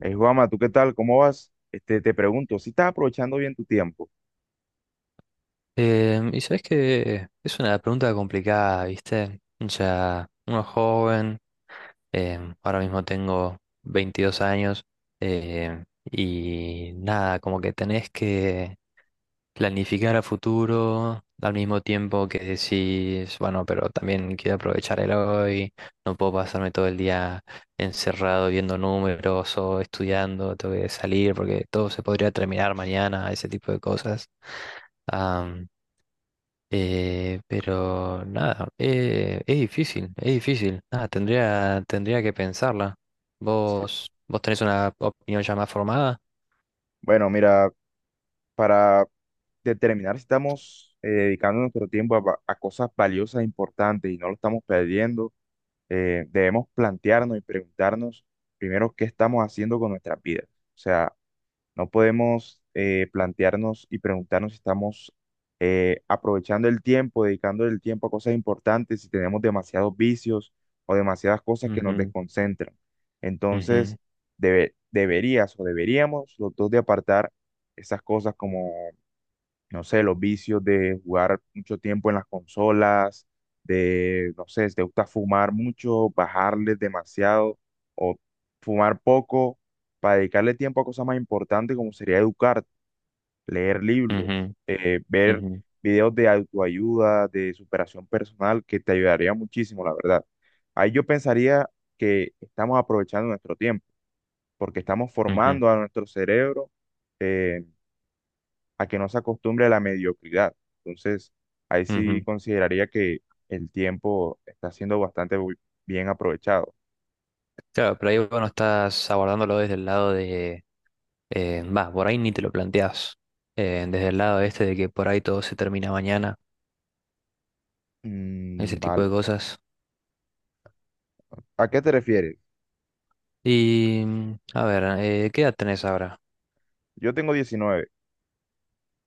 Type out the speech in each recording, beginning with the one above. Juanma, ¿tú qué tal? ¿Cómo vas? Este, te pregunto, ¿si estás aprovechando bien tu tiempo? Y sabes que es una pregunta complicada, ¿viste? O sea, uno joven, ahora mismo tengo 22 años, em, y nada, como que tenés que planificar a futuro al mismo tiempo que decís, bueno, pero también quiero aprovechar el hoy, no puedo pasarme todo el día encerrado viendo números o estudiando, tengo que salir porque todo se podría terminar mañana, ese tipo de cosas. Pero nada, es difícil, es difícil. Nada, tendría que pensarla. Sí. ¿Vos tenés una opinión ya más formada? Bueno, mira, para determinar si estamos dedicando nuestro tiempo a, a cosas valiosas e importantes y no lo estamos perdiendo, debemos plantearnos y preguntarnos primero qué estamos haciendo con nuestras vidas. O sea, no podemos plantearnos y preguntarnos si estamos aprovechando el tiempo, dedicando el tiempo a cosas importantes, si tenemos demasiados vicios o demasiadas cosas que nos Ujú, desconcentran. ujú, Entonces, deberías o deberíamos los dos de apartar esas cosas como no sé, los vicios de jugar mucho tiempo en las consolas, de, no sé, si te gusta fumar mucho, bajarle demasiado o fumar poco, para dedicarle tiempo a cosas más importantes como sería educar, leer libros, ujú, ver ujú, videos de autoayuda, de superación personal, que te ayudaría muchísimo, la verdad. Ahí yo pensaría que estamos aprovechando nuestro tiempo, porque estamos ujú, formando a nuestro cerebro. eh, a que no se acostumbre a la mediocridad. Entonces, ahí sí ujú. consideraría que el tiempo está siendo bien aprovechado. Claro, pero ahí vos no estás abordándolo desde el lado de, va, por ahí ni te lo planteás, desde el lado este de que por ahí todo se termina mañana, ese Mm, tipo vale. de cosas. ¿A qué te refieres? Y, a ver, ¿qué edad tenés ahora? Yo tengo 19.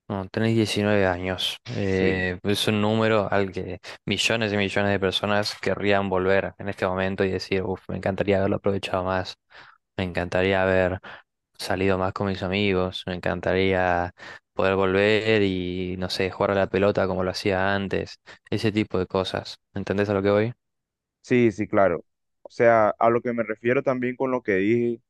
No, tenés 19 años. Sí, Es un número al que millones y millones de personas querrían volver en este momento y decir, uff, me encantaría haberlo aprovechado más, me encantaría haber salido más con mis amigos, me encantaría poder volver y, no sé, jugar a la pelota como lo hacía antes, ese tipo de cosas. ¿Entendés a lo que voy? sí, sí, claro. O sea, a lo que me refiero también con lo que dije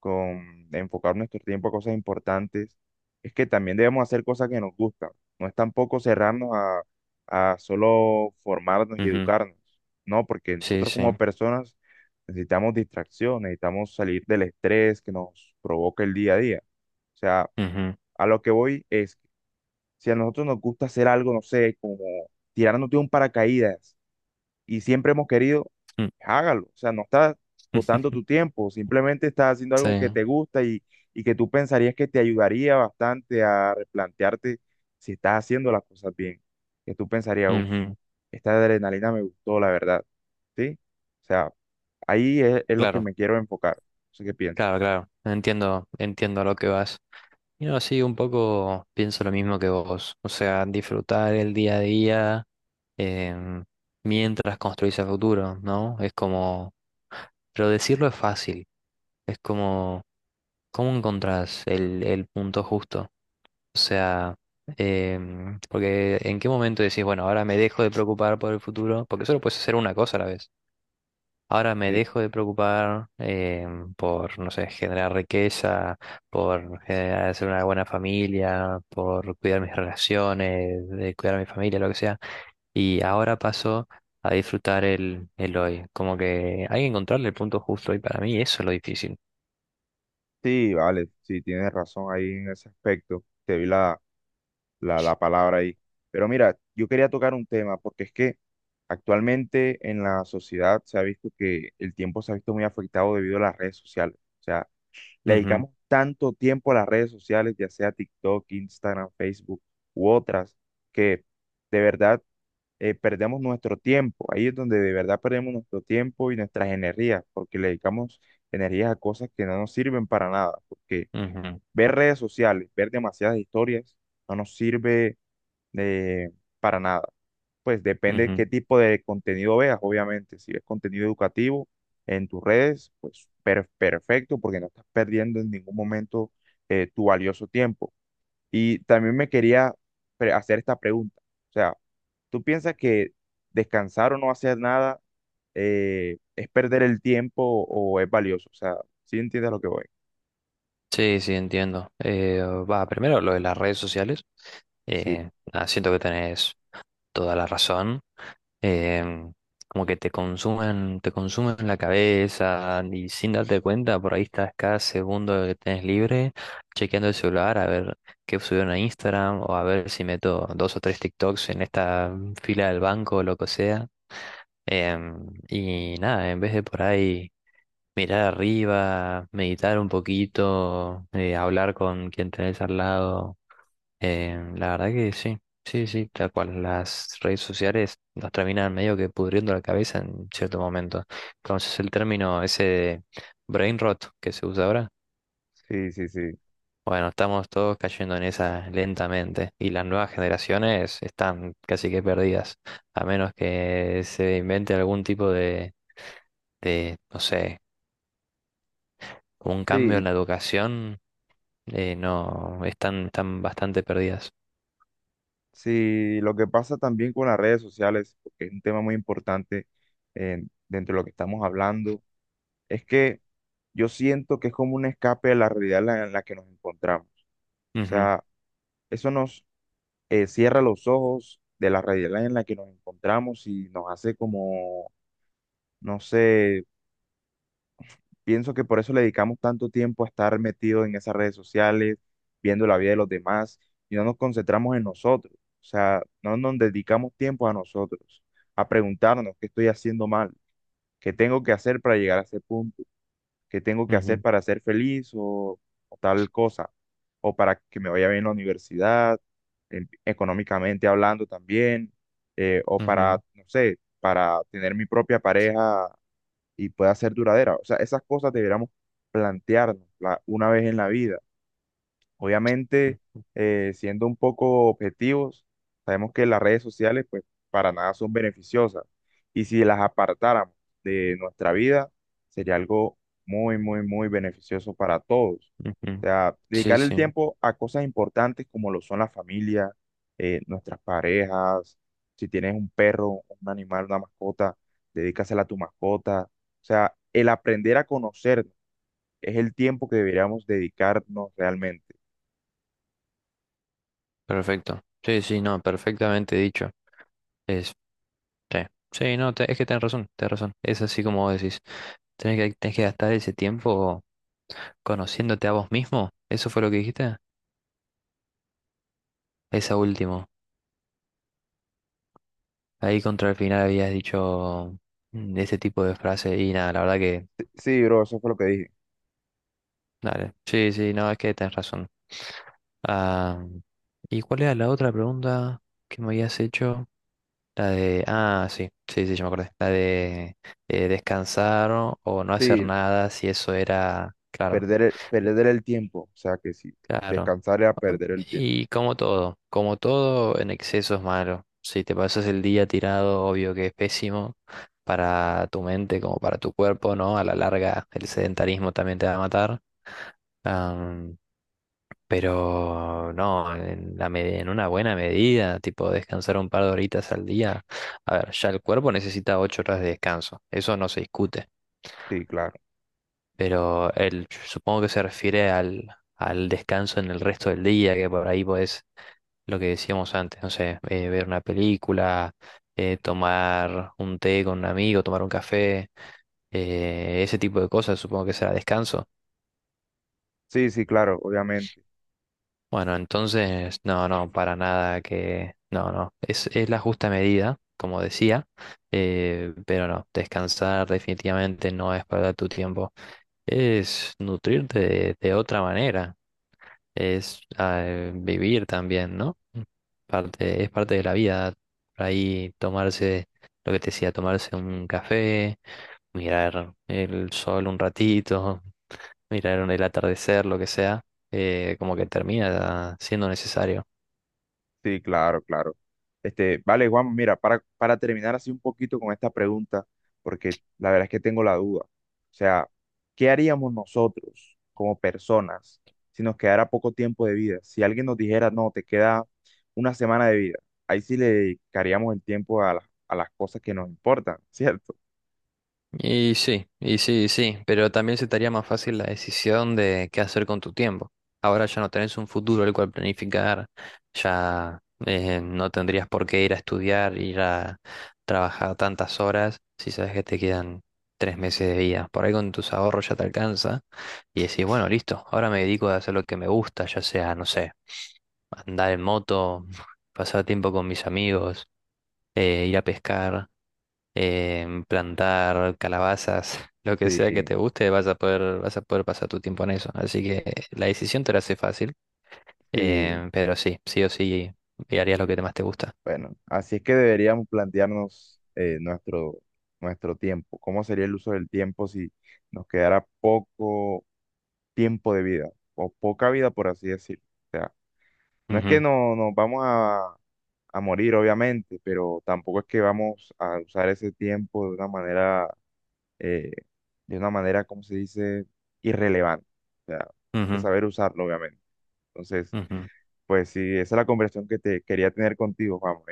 con enfocar nuestro tiempo a cosas importantes, es que también debemos hacer cosas que nos gustan. No es tampoco cerrarnos a solo formarnos y Ujú, educarnos, ¿no? Porque sí, nosotros sí, como personas necesitamos distracción, necesitamos salir del estrés que nos provoca el día a día. O sea, ujú, a lo que voy es, si a nosotros nos gusta hacer algo, no sé, como tirarnos de un paracaídas, y siempre hemos querido, mm, hágalo. O sea, no estás botando tu tiempo, simplemente estás haciendo sí, algo que te gusta, y que tú pensarías que te ayudaría bastante a replantearte si estás haciendo las cosas bien. Que tú pensarías, uff, ujú. esta adrenalina me gustó, la verdad. ¿Sí? O sea, ahí es lo que Claro, me quiero enfocar. No sé qué piensas. claro, claro. Entiendo, entiendo a lo que vas. No, sí, un poco pienso lo mismo que vos. O sea, disfrutar el día a día em, mientras construís el futuro, ¿no? Es como, pero decirlo es fácil. Es como, ¿cómo encontrás el punto justo? O sea, porque en qué momento decís, bueno, ahora me dejo de preocupar por el futuro, porque solo puedes hacer una cosa a la vez. Ahora me Sí, dejo de preocupar por, no sé, generar riqueza, por generar, hacer una buena familia, por cuidar mis relaciones, de cuidar a mi familia, lo que sea. Y ahora paso a disfrutar el hoy. Como que hay que encontrarle el punto justo y para mí eso es lo difícil. sí, vale, sí, tienes razón ahí en ese aspecto. Te vi la, la palabra ahí. Pero mira, yo quería tocar un tema porque es que actualmente en la sociedad se ha visto que el tiempo se ha visto muy afectado debido a las redes sociales. O sea, le Ujú, dedicamos tanto tiempo a las redes sociales, ya sea TikTok, Instagram, Facebook u otras, que de verdad perdemos nuestro tiempo. Ahí es donde de verdad perdemos nuestro tiempo y nuestras energías, porque le dedicamos energías a cosas que no nos sirven para nada. Porque ujú, ver redes sociales, ver demasiadas historias, no nos sirve eh, para nada. Pues depende qué ujú. tipo de contenido veas, obviamente. Si ves contenido educativo en tus redes, pues perfecto, porque no estás perdiendo en ningún momento tu valioso tiempo. Y también me quería hacer esta pregunta. O sea, ¿tú piensas que descansar o no hacer nada es perder el tiempo o es valioso? O sea, ¿sí entiendes lo que voy? Sí, sí, entiendo. Va, primero lo de las redes sociales. Sí, Nada, siento que tenés toda la razón. em, Como que te consumen la cabeza y sin darte cuenta, por ahí estás cada segundo que tenés libre chequeando el celular a ver qué subieron a Instagram o a ver si meto dos o tres TikToks en esta fila del banco o lo que sea. Y nada, en vez de por ahí mirar arriba, meditar un poquito, hablar con quien tenés al lado. La verdad que sí, sí, sí, tal cual. Las redes sociales nos terminan medio que pudriendo la cabeza en cierto momento. Entonces el término ese de brain rot que se usa ahora, sí, sí, bueno, estamos todos cayendo en esa lentamente y las nuevas generaciones están casi que perdidas, a menos que se invente algún tipo de, no sé, un cambio en sí. la educación, no, están bastante perdidas. Sí, lo que pasa también con las redes sociales, porque es un tema muy importante dentro de lo que estamos hablando, es que yo siento que es como un escape de la realidad en la que nos encontramos. O Ujú, sea, eso nos cierra los ojos de la realidad en la que nos encontramos y nos hace como, no sé, pienso que por eso le dedicamos tanto tiempo a estar metidos en esas redes sociales, viendo la vida de los demás, y no nos concentramos en nosotros. O sea, no nos dedicamos tiempo a nosotros, a preguntarnos qué estoy haciendo mal, qué tengo que hacer para llegar a ese punto, qué tengo que hacer ujú, para ser feliz o tal cosa, o para que me vaya bien en la universidad, económicamente hablando también, o para, ujú, no sé, para tener mi propia pareja y pueda ser duradera. O sea, esas cosas deberíamos plantearnos una vez en la vida. Obviamente, ujú, siendo un poco objetivos, sabemos que las redes sociales, pues, para nada son beneficiosas. Y si las apartáramos de nuestra vida, sería algo muy, muy, muy beneficioso para todos. ujú. O sea, Sí, dedicar el sí, tiempo a cosas importantes como lo son la familia, nuestras parejas, si tienes un perro, un animal, una mascota, dedícasela a tu mascota. O sea, el aprender a conocernos es el tiempo que deberíamos dedicarnos realmente. perfecto. Sí, sí, no, perfectamente dicho. Es, sí, sí, no, es que tenés razón, tenés razón. Es así como vos decís. Tenés que gastar ese tiempo conociéndote a vos mismo. ¿Eso fue lo que dijiste? Esa último. Ahí contra el final habías dicho ese tipo de frase y nada, la verdad que, Sí, bro, eso fue lo que dije. dale. Sí, sí, no, es que tenés razón. Ah, ¿y cuál era la otra pregunta que me habías hecho? La de... Ah, sí, sí, sí, yo me acordé. La de descansar o no hacer Sí, nada, si eso era... Claro, perder el tiempo. O sea que sí, claro. descansar era perder el tiempo. Y como todo en exceso es malo. Si te pasas el día tirado, obvio que es pésimo para tu mente como para tu cuerpo, ¿no? A la larga el sedentarismo también te va a matar. Pero no, en una buena medida, tipo descansar un par de horitas al día. A ver, ya el cuerpo necesita 8 horas de descanso, eso no se discute. Sí, claro. Pero supongo que se refiere al descanso en el resto del día, que por ahí pues lo que decíamos antes, no sé, ver una película, tomar un té con un amigo, tomar un café, ese tipo de cosas, supongo que será descanso. Sí, sí, claro, obviamente. Bueno, entonces, no, no, para nada que, no, no, es la justa medida, como decía, pero no, descansar definitivamente no es perder tu tiempo, es nutrirte de otra manera, es vivir también, ¿no? Es parte de la vida. Por ahí tomarse, lo que te decía, tomarse un café, mirar el sol un ratito, mirar el atardecer, lo que sea, como que termina siendo necesario. Sí, claro, claro. Este, vale, Juan, mira, para terminar así un poquito con esta pregunta, porque la verdad es que tengo la duda. O sea, ¿qué haríamos nosotros como personas si nos quedara poco tiempo de vida? Si alguien nos dijera, no, te queda una semana de vida, ahí sí le dedicaríamos el tiempo a, a las cosas que nos importan, ¿cierto? Y sí, y sí, y sí, pero también se te haría más fácil la decisión de qué hacer con tu tiempo. Ahora ya no tenés un futuro el cual planificar, ya no tendrías por qué ir a estudiar, ir a trabajar tantas horas si sabes que te quedan 3 meses de vida. Por ahí con tus ahorros ya te alcanza y decís, bueno, listo, ahora me dedico a hacer lo que me gusta, ya sea, no sé, andar en moto, pasar tiempo con mis amigos, ir a pescar plantar calabazas, lo que sea que te Sí. guste, vas a poder pasar tu tiempo en eso. Así que la decisión te la hace fácil, Sí, pero sí, sí o sí, y harías lo que más te gusta. bueno, así es que deberíamos plantearnos nuestro, nuestro tiempo. ¿Cómo sería el uso del tiempo si nos quedara poco tiempo de vida o poca vida, por así decirlo? O sea, no es que Ujú, no, nos vamos a morir, obviamente, pero tampoco es que vamos a usar ese tiempo eh, de una manera, ¿cómo se dice? Irrelevante. O sea, hay que ujú, saber usarlo, obviamente. Entonces, ujú. pues sí, esa es la conversación que te quería tener contigo, vamos.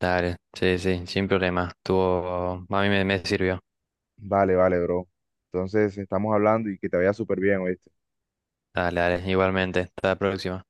Dale, sí, sí, sin problema. A mí me sirvió. Vale, vale, bro. Entonces estamos hablando y que te vaya súper bien, ¿oíste? Dale, dale, igualmente. Hasta la próxima.